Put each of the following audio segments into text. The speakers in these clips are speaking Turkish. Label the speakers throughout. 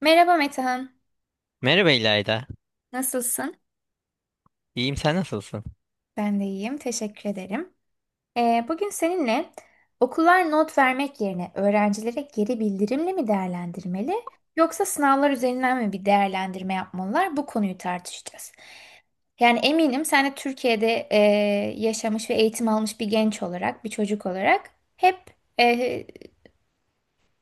Speaker 1: Merhaba Metehan,
Speaker 2: Merhaba İlayda.
Speaker 1: nasılsın?
Speaker 2: İyiyim, sen nasılsın?
Speaker 1: Ben de iyiyim, teşekkür ederim. Bugün seninle okullar not vermek yerine öğrencilere geri bildirimle mi değerlendirmeli yoksa sınavlar üzerinden mi bir değerlendirme yapmalılar? Bu konuyu tartışacağız. Yani eminim sen de Türkiye'de yaşamış ve eğitim almış bir genç olarak, bir çocuk olarak hep e,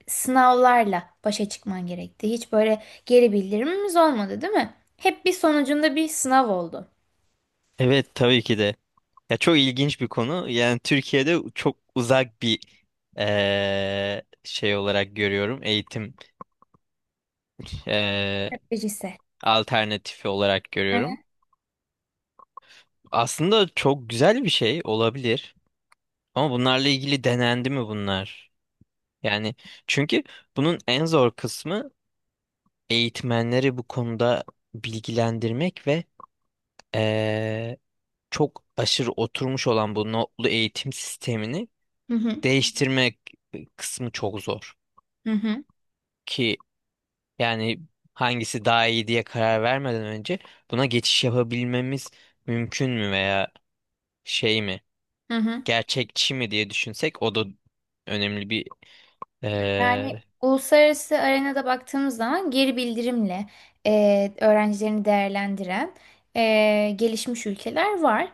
Speaker 1: sınavlarla başa çıkman gerekti. Hiç böyle geri bildirimimiz olmadı, değil mi? Hep bir sonucunda bir sınav oldu.
Speaker 2: Evet, tabii ki de. Ya çok ilginç bir konu. Yani Türkiye'de çok uzak bir şey olarak görüyorum. Eğitim eee,
Speaker 1: Stratejisi.
Speaker 2: alternatifi olarak
Speaker 1: Hı.
Speaker 2: görüyorum. Aslında çok güzel bir şey olabilir. Ama bunlarla ilgili denendi mi bunlar? Yani çünkü bunun en zor kısmı eğitmenleri bu konuda bilgilendirmek ve eee, çok aşırı oturmuş olan bu notlu eğitim sistemini
Speaker 1: Hı hı.
Speaker 2: değiştirmek kısmı çok zor.
Speaker 1: Hı hı.
Speaker 2: Ki yani hangisi daha iyi diye karar vermeden önce buna geçiş yapabilmemiz mümkün mü veya şey mi,
Speaker 1: Hı hı, hı.
Speaker 2: gerçekçi mi diye düşünsek o da önemli bir
Speaker 1: Yani
Speaker 2: eee,
Speaker 1: uluslararası arenada baktığımız zaman geri bildirimle öğrencilerini değerlendiren gelişmiş ülkeler var.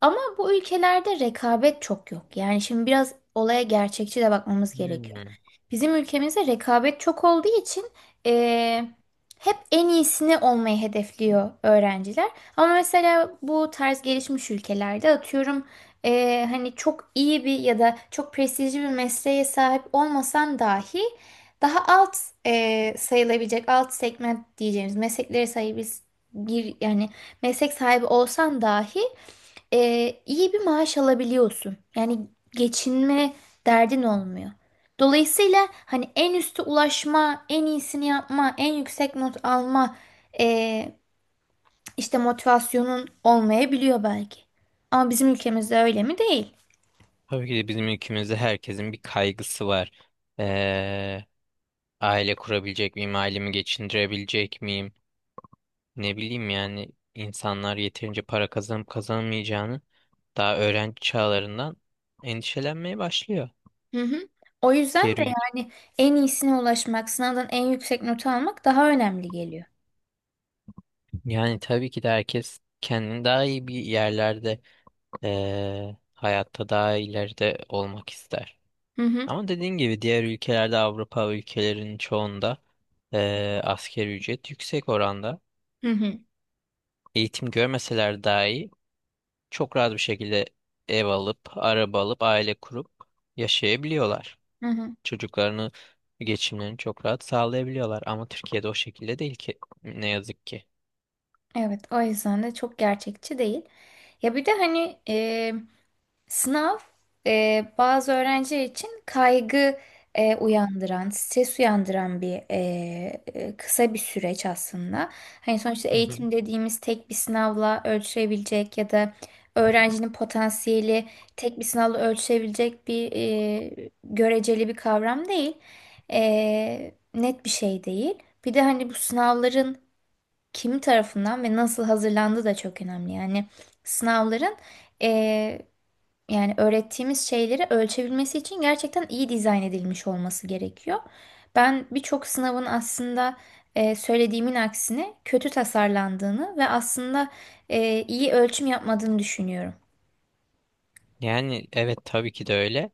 Speaker 1: Ama bu ülkelerde rekabet çok yok. Yani şimdi biraz olaya gerçekçi de bakmamız gerekiyor.
Speaker 2: hmm.
Speaker 1: Bizim ülkemizde rekabet çok olduğu için eee, hep en iyisini olmayı hedefliyor öğrenciler. Ama mesela bu tarz gelişmiş ülkelerde atıyorum hani çok iyi bir ya da çok prestijli bir mesleğe sahip olmasan dahi daha alt sayılabilecek alt segment diyeceğimiz mesleklere sahibiz bir yani meslek sahibi olsan dahi iyi bir maaş alabiliyorsun. Yani geçinme derdin olmuyor. Dolayısıyla hani en üste ulaşma, en iyisini yapma, en yüksek not alma e, işte motivasyonun olmayabiliyor belki. Ama bizim ülkemizde öyle mi? Değil.
Speaker 2: Tabii ki de bizim ülkemizde herkesin bir kaygısı var. Eee, Aile kurabilecek miyim, ailemi geçindirebilecek miyim? Ne bileyim, yani insanlar yeterince para kazanıp kazanamayacağını daha öğrenci çağlarından endişelenmeye başlıyor.
Speaker 1: Hı hı. O yüzden de
Speaker 2: Terörlük.
Speaker 1: yani en iyisine ulaşmak, sınavdan en yüksek notu almak daha önemli geliyor.
Speaker 2: Yani tabii ki de herkes kendini daha iyi bir yerlerde, hayatta daha ileride olmak ister.
Speaker 1: Hı hı.
Speaker 2: Ama dediğin gibi diğer ülkelerde, Avrupa ülkelerinin çoğunda asgari ücret yüksek oranda.
Speaker 1: Hı hı.
Speaker 2: Eğitim görmeseler dahi çok rahat bir şekilde ev alıp, araba alıp, aile kurup yaşayabiliyorlar.
Speaker 1: Hı hı.
Speaker 2: Çocuklarını, geçimlerini çok rahat sağlayabiliyorlar ama Türkiye'de o şekilde değil ki, ne yazık ki.
Speaker 1: Evet, o yüzden de çok gerçekçi değil. Ya bir de hani sınav bazı öğrenci için kaygı uyandıran, stres uyandıran bir kısa bir süreç aslında. Hani sonuçta
Speaker 2: Hı hı.
Speaker 1: eğitim dediğimiz tek bir sınavla ölçülebilecek ya da öğrencinin potansiyeli tek bir sınavla ölçülebilecek bir göreceli bir kavram değil. Net bir şey değil. Bir de hani bu sınavların kim tarafından ve nasıl hazırlandığı da çok önemli. Yani sınavların eee, yani öğrettiğimiz şeyleri ölçebilmesi için gerçekten iyi dizayn edilmiş olması gerekiyor. Ben birçok sınavın aslında söylediğimin aksine kötü tasarlandığını ve aslında iyi ölçüm yapmadığını düşünüyorum.
Speaker 2: Yani evet, tabii ki de öyle.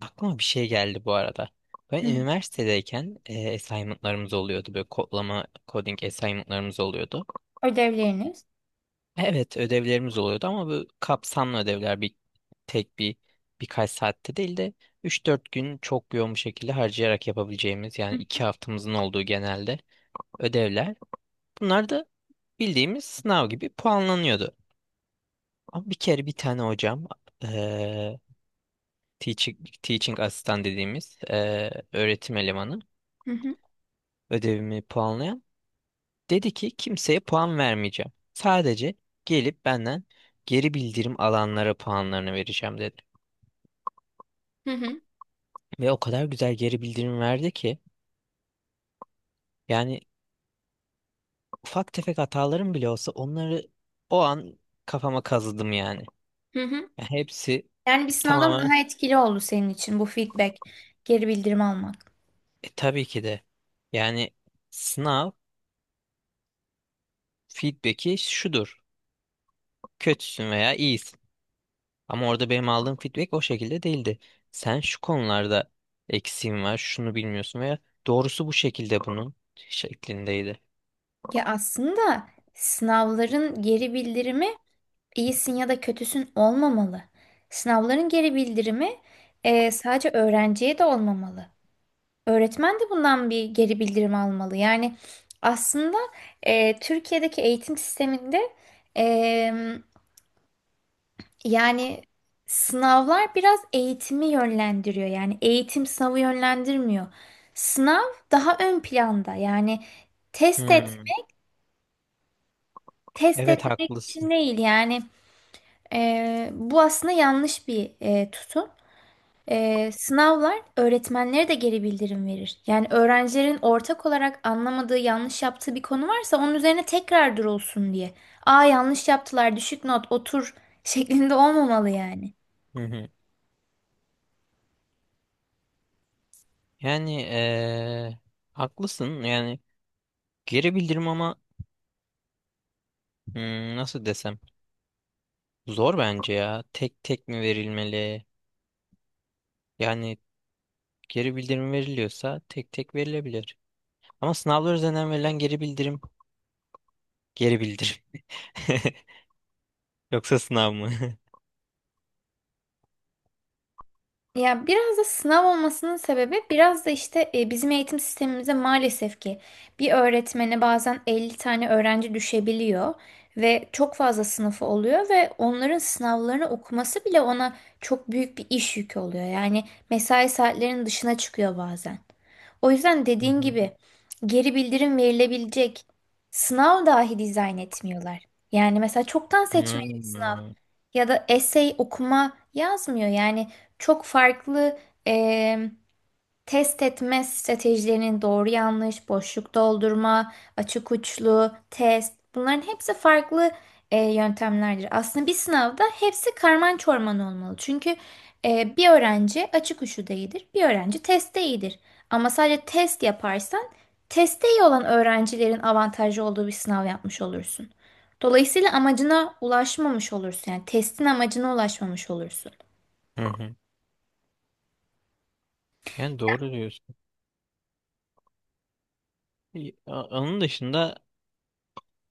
Speaker 2: Aklıma bir şey geldi bu arada. Ben
Speaker 1: Hı.
Speaker 2: üniversitedeyken assignment'larımız oluyordu. Böyle kodlama, coding assignment'larımız oluyordu.
Speaker 1: Ödevleriniz.
Speaker 2: Evet, ödevlerimiz oluyordu, ama bu kapsamlı ödevler, bir tek bir birkaç saatte değil de üç dört gün çok yoğun bir şekilde harcayarak yapabileceğimiz, yani
Speaker 1: Hı
Speaker 2: 2 haftamızın olduğu genelde ödevler. Bunlar da bildiğimiz sınav gibi puanlanıyordu. Ama bir kere bir tane hocam, eee teaching asistan dediğimiz öğretim elemanı,
Speaker 1: hı,
Speaker 2: ödevimi puanlayan, dedi ki kimseye puan vermeyeceğim. Sadece gelip benden geri bildirim alanlara puanlarını vereceğim dedi.
Speaker 1: hı hı.
Speaker 2: Ve o kadar güzel geri bildirim verdi ki yani ufak tefek hatalarım bile olsa onları o an kafama kazıdım yani.
Speaker 1: Hı hı.
Speaker 2: Yani hepsi
Speaker 1: Yani bir sınavdan
Speaker 2: tamamen,
Speaker 1: daha etkili oldu senin için bu feedback, geri bildirim almak.
Speaker 2: tabii ki de yani sınav feedback'i şudur. Kötüsün veya iyisin. Ama orada benim aldığım feedback o şekilde değildi. Sen şu konularda eksiğin var, şunu bilmiyorsun veya doğrusu bu şekilde, bunun şeklindeydi.
Speaker 1: Ya aslında sınavların geri bildirimi iyisin ya da kötüsün olmamalı. Sınavların geri bildirimi sadece öğrenciye de olmamalı. Öğretmen de bundan bir geri bildirim almalı. Yani aslında Türkiye'deki eğitim sisteminde e, yani sınavlar biraz eğitimi yönlendiriyor. Yani eğitim sınavı yönlendirmiyor. Sınav daha ön planda. Yani test et,
Speaker 2: Hmm.
Speaker 1: test
Speaker 2: Evet,
Speaker 1: etmek için
Speaker 2: haklısın.
Speaker 1: değil yani. Bu aslında yanlış bir tutum. Sınavlar öğretmenlere de geri bildirim verir. Yani öğrencilerin ortak olarak anlamadığı, yanlış yaptığı bir konu varsa onun üzerine tekrar durulsun diye. Aa yanlış yaptılar, düşük not, otur şeklinde olmamalı yani.
Speaker 2: Hı hı. Yani haklısın. Yani geri bildirim, ama hmm, nasıl desem, zor bence ya. Tek tek mi verilmeli? Yani geri bildirim veriliyorsa tek tek verilebilir. Ama sınavlar üzerinden verilen geri bildirim geri bildirim. Yoksa sınav mı?
Speaker 1: Ya biraz da sınav olmasının sebebi biraz da işte bizim eğitim sistemimize maalesef ki bir öğretmene bazen 50 tane öğrenci düşebiliyor ve çok fazla sınıfı oluyor ve onların sınavlarını okuması bile ona çok büyük bir iş yükü oluyor. Yani mesai saatlerinin dışına çıkıyor bazen. O yüzden dediğin gibi geri bildirim verilebilecek sınav dahi dizayn etmiyorlar. Yani mesela çoktan seçmeli
Speaker 2: Hmm.
Speaker 1: ya da essay okuma yazmıyor. Yani çok farklı em, test etme stratejilerinin doğru yanlış, boşluk doldurma, açık uçlu, test bunların hepsi farklı yöntemlerdir. Aslında bir sınavda hepsi karman çorman olmalı. Çünkü bir öğrenci açık uçlu değildir, bir öğrenci testte iyidir. Ama sadece test yaparsan testte iyi olan öğrencilerin avantajlı olduğu bir sınav yapmış olursun. Dolayısıyla amacına ulaşmamış olursun. Yani testin amacına ulaşmamış olursun.
Speaker 2: Hı hı. Yani doğru diyorsun. İyi, onun dışında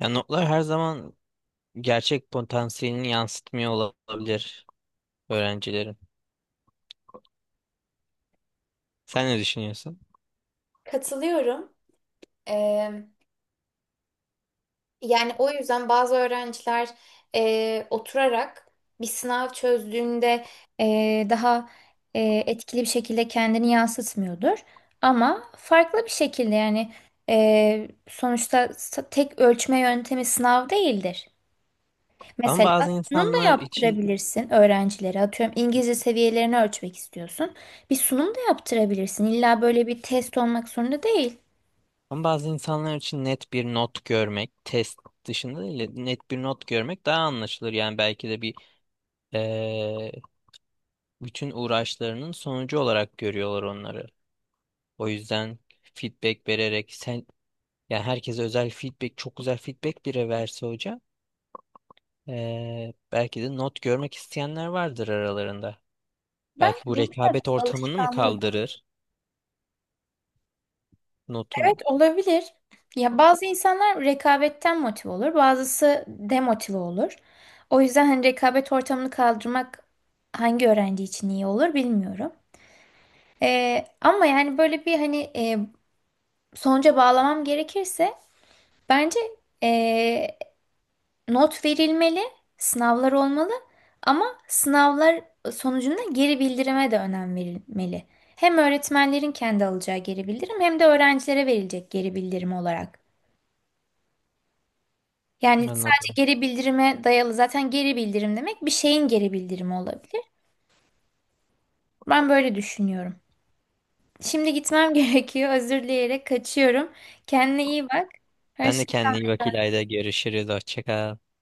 Speaker 2: ya notlar her zaman gerçek potansiyelini yansıtmıyor olabilir öğrencilerin. Sen ne düşünüyorsun?
Speaker 1: Katılıyorum. Ee, Yani o yüzden bazı öğrenciler oturarak bir sınav çözdüğünde daha e, etkili bir şekilde kendini yansıtmıyordur. Ama farklı bir şekilde yani sonuçta tek ölçme yöntemi sınav değildir.
Speaker 2: Ama
Speaker 1: Mesela
Speaker 2: bazı
Speaker 1: sunum da
Speaker 2: insanlar için
Speaker 1: yaptırabilirsin öğrencilere. Atıyorum İngilizce seviyelerini ölçmek istiyorsun. Bir sunum da yaptırabilirsin. İlla böyle bir test olmak zorunda değil.
Speaker 2: Ama bazı insanlar için net bir not görmek, test dışında değil, de net bir not görmek daha anlaşılır. Yani belki de bir eee, bütün uğraşlarının sonucu olarak görüyorlar onları. O yüzden feedback vererek sen, yani herkese özel feedback, çok güzel feedback bile verse hoca, belki de not görmek isteyenler vardır aralarında.
Speaker 1: Bence
Speaker 2: Belki bu
Speaker 1: bu biraz
Speaker 2: rekabet ortamını mı
Speaker 1: alışkanlık.
Speaker 2: kaldırır? Notun.
Speaker 1: Evet, olabilir. Ya bazı insanlar rekabetten motive olur, bazısı demotive olur. O yüzden hani rekabet ortamını kaldırmak hangi öğrenci için iyi olur bilmiyorum. Ama yani böyle bir hani sonuca bağlamam gerekirse bence e, not verilmeli, sınavlar olmalı ama sınavlar sonucunda geri bildirime de önem verilmeli. Hem öğretmenlerin kendi alacağı geri bildirim hem de öğrencilere verilecek geri bildirim olarak. Yani sadece
Speaker 2: Anladım.
Speaker 1: geri bildirime dayalı zaten geri bildirim demek bir şeyin geri bildirimi olabilir. Ben böyle düşünüyorum. Şimdi gitmem gerekiyor. Özür dileyerek kaçıyorum. Kendine iyi bak.
Speaker 2: Sen de
Speaker 1: Hoşça
Speaker 2: kendine iyi bak İlayda. Görüşürüz. Hoşça kal.